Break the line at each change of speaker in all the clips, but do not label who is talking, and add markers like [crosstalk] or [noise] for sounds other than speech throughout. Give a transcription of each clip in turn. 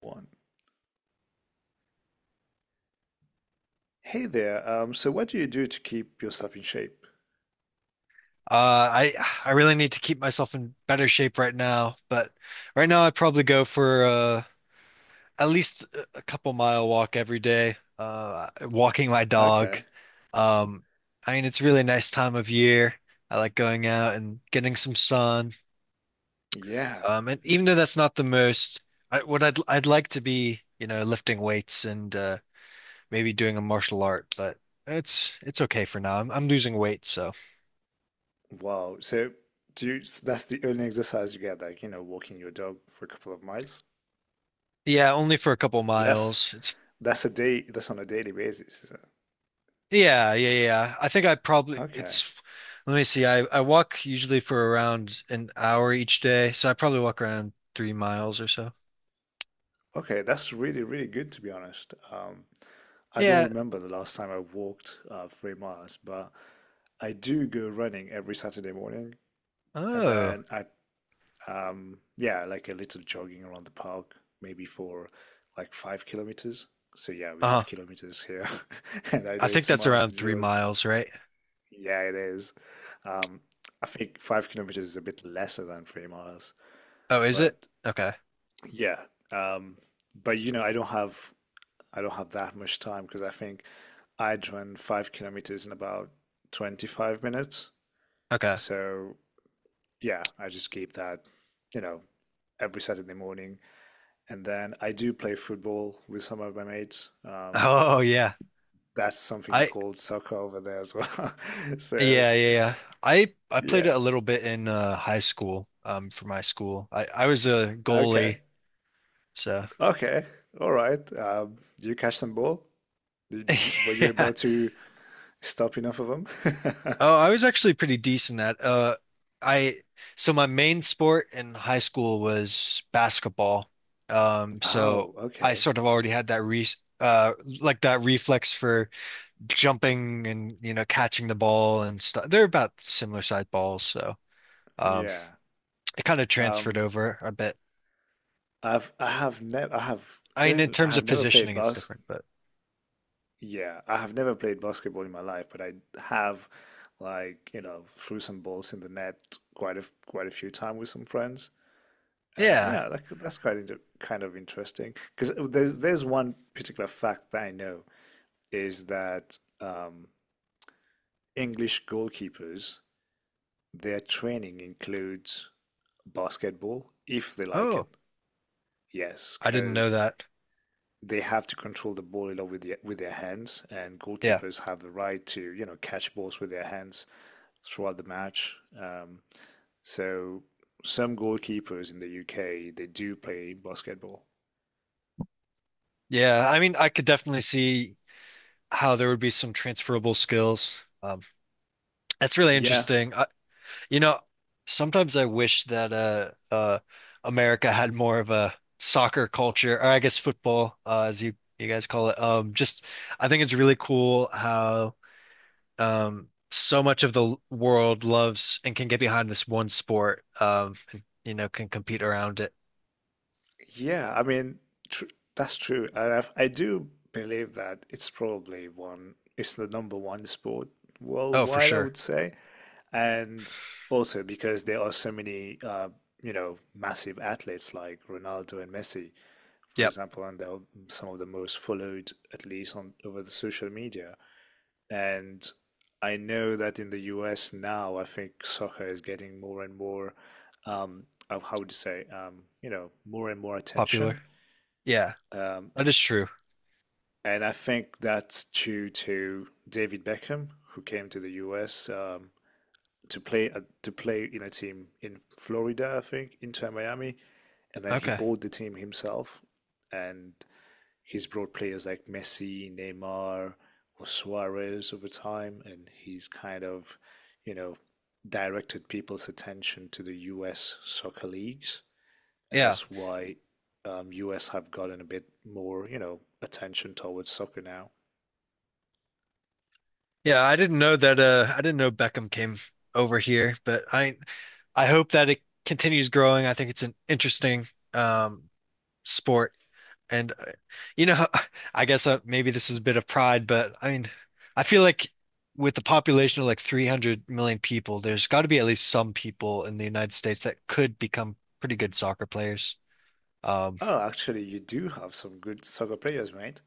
One. Hey there. So what do you do to keep yourself in shape?
I really need to keep myself in better shape right now, but right now I'd probably go for at least a couple mile walk every day, walking my dog.
Okay.
Um, I mean, it's really a really nice time of year. I like going out and getting some sun.
Yeah.
And even though that's not the most, what I'd like to be, lifting weights and maybe doing a martial art, but it's okay for now. I'm losing weight, so.
Wow. So do you, that's the only exercise you get, like, you know, walking your dog for a couple of miles.
Yeah, only for a couple
But that's
miles. It's
that's a day that's on a daily basis, is it?
yeah, yeah, yeah. I think I probably
Okay.
it's. Let me see. I walk usually for around an hour each day, so I probably walk around three miles or so.
Okay, that's really, really good to be honest. I don't
Yeah.
remember the last time I walked 3 miles, but I do go running every Saturday morning, and
Oh.
then I yeah, like a little jogging around the park, maybe for like 5 kilometers. So yeah, we
Uh-huh.
have kilometers here, [laughs] and I
I
know
think
it's
that's
miles and
around three
yours.
miles, right?
Yeah, it is. Um, I think 5 kilometers is a bit lesser than 3 miles,
Oh, is it?
but
Okay.
yeah. Um, but you know, I don't have that much time because I think I'd run 5 kilometers in about 25 minutes.
Okay.
So yeah, I just keep that, you know, every Saturday morning. And then I do play football with some of my mates.
[laughs] Oh yeah.
That's something you
I
call soccer over there as well. [laughs] So
yeah, yeah, yeah. I played
yeah,
it a little bit in high school, for my school. I was a
okay,
goalie, so
okay, all right. Do you catch some ball? Were
[laughs]
you
yeah.
able to stop enough of them? [laughs]
Oh, I was actually pretty decent at I So my main sport in high school was basketball. So
Oh,
I
okay,
sort of already had that re uh like that reflex for jumping, and you know, catching the ball and stuff. They're about similar sized balls, so um
yeah.
it kind of transferred
Um,
over a bit.
I've I have never I have
I mean, in
I
terms
have
of
never played
positioning it's
bas
different, but
yeah, I have never played basketball in my life, but I have, like, you know, threw some balls in the net quite a few times with some friends. And
yeah.
yeah, that's quite inter kind of interesting because there's one particular fact that I know is that English goalkeepers, their training includes basketball if they like
Oh,
it. Yes,
I didn't know
because
that.
they have to control the ball a lot with with their hands, and
Yeah.
goalkeepers have the right to, you know, catch balls with their hands throughout the match. So some goalkeepers in the UK they do play basketball.
Yeah, I mean I could definitely see how there would be some transferable skills. That's really
Yeah,
interesting. You know, sometimes I wish that America had more of a soccer culture, or I guess football, as you guys call it. Just I think it's really cool how so much of the world loves and can get behind this one sport. And, you know, can compete around it.
yeah. I mean, tr that's true. And I do believe that it's probably one. It's the number one sport
Oh, for
worldwide, I
sure.
would say, and also because there are so many, you know, massive athletes like Ronaldo and Messi, for
Yep,
example, and they're some of the most followed, at least on over the social media. And I know that in the US now, I think soccer is getting more and more, um, how would you say, you know, more and more
popular.
attention.
Yeah,
Um,
that is true.
and I think that's due to David Beckham, who came to the US to play in a team in Florida, I think, Inter Miami, and then he
Okay.
bought the team himself, and he's brought players like Messi, Neymar, or Suarez over time, and he's kind of, you know, directed people's attention to the U.S. soccer leagues, and
Yeah,
that's why U.S. have gotten a bit more, you know, attention towards soccer now.
yeah. I didn't know that. I didn't know Beckham came over here, but I hope that it continues growing. I think it's an interesting um, sport, and you know, [laughs] I guess maybe this is a bit of pride, but I mean, I feel like with the population of like 300 million people, there's got to be at least some people in the United States that could become pretty good soccer players. Um,
Oh, actually, you do have some good soccer players, mate.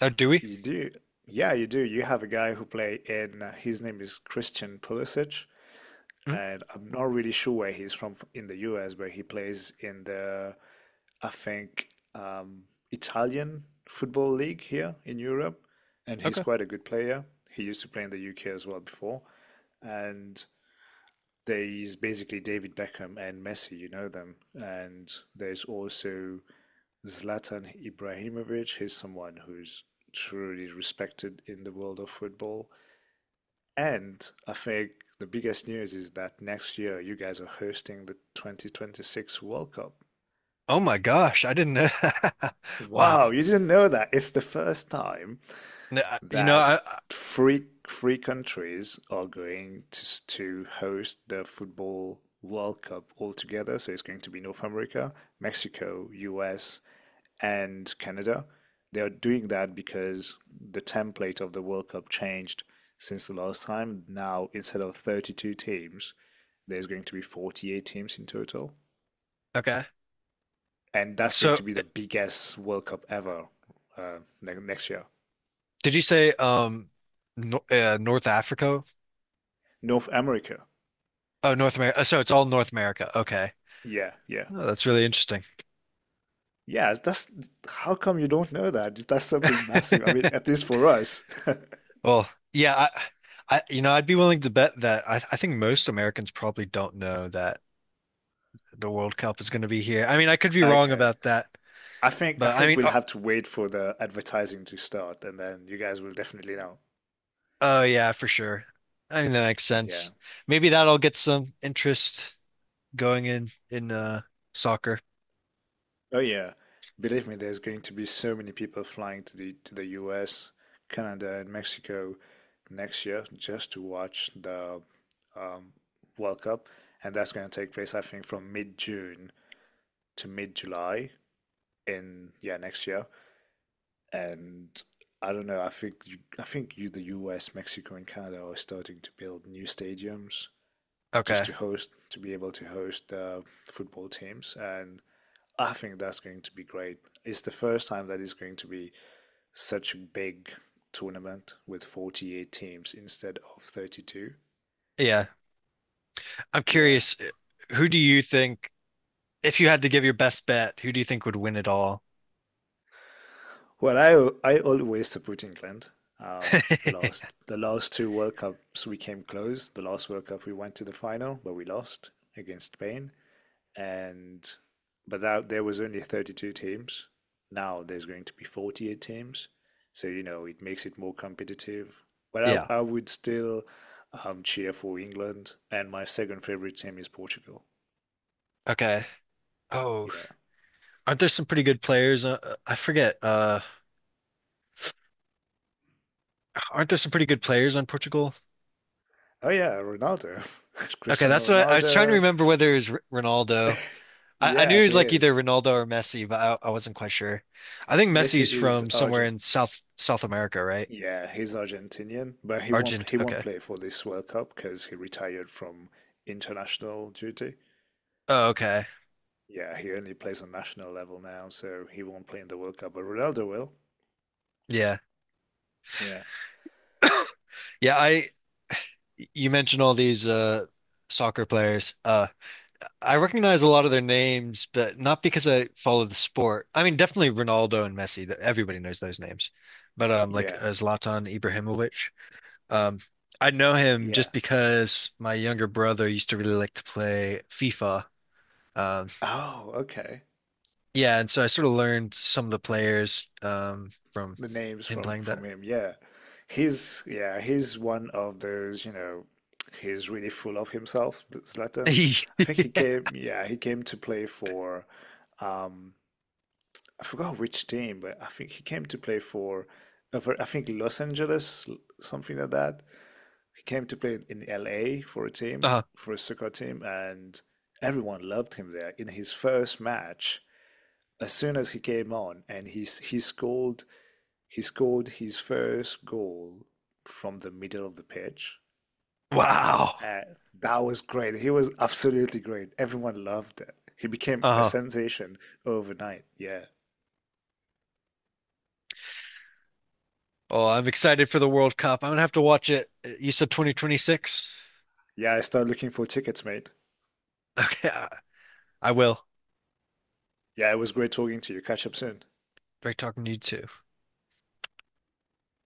oh, do we?
You do. Yeah, you do. You have a guy who play in, his name is Christian Pulisic,
Hmm?
and I'm not really sure where he's from in the US, but he plays in the I think, um, Italian football league here in Europe, and he's
Okay.
quite a good player. He used to play in the UK as well before, and there's basically David Beckham and Messi, you know them, and there's also Zlatan Ibrahimovic. He's someone who's truly respected in the world of football, and I think the biggest news is that next year you guys are hosting the 2026 World Cup.
Oh my gosh, I didn't know. [laughs]
Wow,
Wow.
you didn't know that. It's the first time
You know,
that three countries are going to host the football World Cup altogether. So it's going to be North America, Mexico, US, and Canada. They are doing that because the template of the World Cup changed since the last time. Now, instead of 32 teams, there's going to be 48 teams in total.
okay.
And that's going
So,
to be the biggest World Cup ever, uh, next year.
did you say no, North Africa.
North America.
Oh, North America. So it's all North America. Okay.
Yeah, yeah.
Oh, that's really interesting.
Yeah, that's how come you don't know that? That's something massive. I mean,
[laughs]
at least for us. [laughs]
Well, yeah, you know, I'd be willing to bet that I think most Americans probably don't know that the World Cup is going to be here. I mean, I could be wrong
Okay.
about that,
I think I
but I
think
mean,
we'll
oh,
have to wait for the advertising to start and then you guys will definitely know.
oh yeah, for sure. I mean, that makes
Yeah.
sense. Maybe that'll get some interest going in soccer.
Oh yeah. Believe me, there's going to be so many people flying to the US, Canada and Mexico next year just to watch the um, World Cup, and that's going to take place I think from mid-June to mid-July in, yeah, next year. And I don't know. The U.S., Mexico, and Canada are starting to build new stadiums just
Okay.
to host to be able to host football teams, and I think that's going to be great. It's the first time that it's going to be such a big tournament with 48 teams instead of 32.
Yeah. I'm
Yeah.
curious, who do you think, if you had to give your best bet, who do you think would win it all?
Well, I always support England. The
[laughs]
last the last two World Cups we came close. The last World Cup we went to the final, but we lost against Spain. And but that there was only 32 teams. Now there's going to be 48 teams, so you know it makes it more competitive. But
Yeah.
I would still, cheer for England, and my second favorite team is Portugal.
Okay. Oh,
Yeah.
aren't there some pretty good players? I forget. Aren't there some pretty good players on Portugal?
Oh yeah, Ronaldo, [laughs]
Okay,
Cristiano
that's what I was trying to
Ronaldo.
remember whether it was R Ronaldo.
[laughs]
I knew
Yeah,
he
he
was like either
is.
Ronaldo or Messi, but I wasn't quite sure. I think
Messi
Messi's
is
from somewhere
Argent.
in South America, right?
Yeah, he's Argentinian, but
Argent.
he won't
Okay.
play for this World Cup because he retired from international duty.
Oh, okay.
Yeah, he only plays on national level now, so he won't play in the World Cup, but Ronaldo will.
Yeah.
Yeah.
Yeah. I you mentioned all these soccer players. I recognize a lot of their names, but not because I follow the sport. I mean, definitely Ronaldo and Messi, that everybody knows those names. But like
Yeah.
Zlatan Ibrahimovic, um I know him
Yeah.
just because my younger brother used to really like to play FIFA. Um
Oh, okay.
yeah, and so I sort of learned some of the players from
The names
him
from
playing that.
him. Yeah. He's one of those, you know, he's really full of himself, Zlatan.
[laughs]
I think he came yeah, he came to play for um I forgot which team, but I think he came to play for I think Los Angeles, something like that. He came to play in LA for a team,
uh,
for a soccer team, and everyone loved him there. In his first match, as soon as he came on, and he scored his first goal from the middle of the pitch.
wow.
Uh, that was great. He was absolutely great. Everyone loved it. He became a
Uh,
sensation overnight. Yeah,
oh, I'm excited for the World Cup. I'm gonna have to watch it. You said 2026?
yeah. I started looking for tickets, mate.
[laughs] Okay, I will.
Yeah, it was great talking to you. Catch up soon.
Great talking to you too.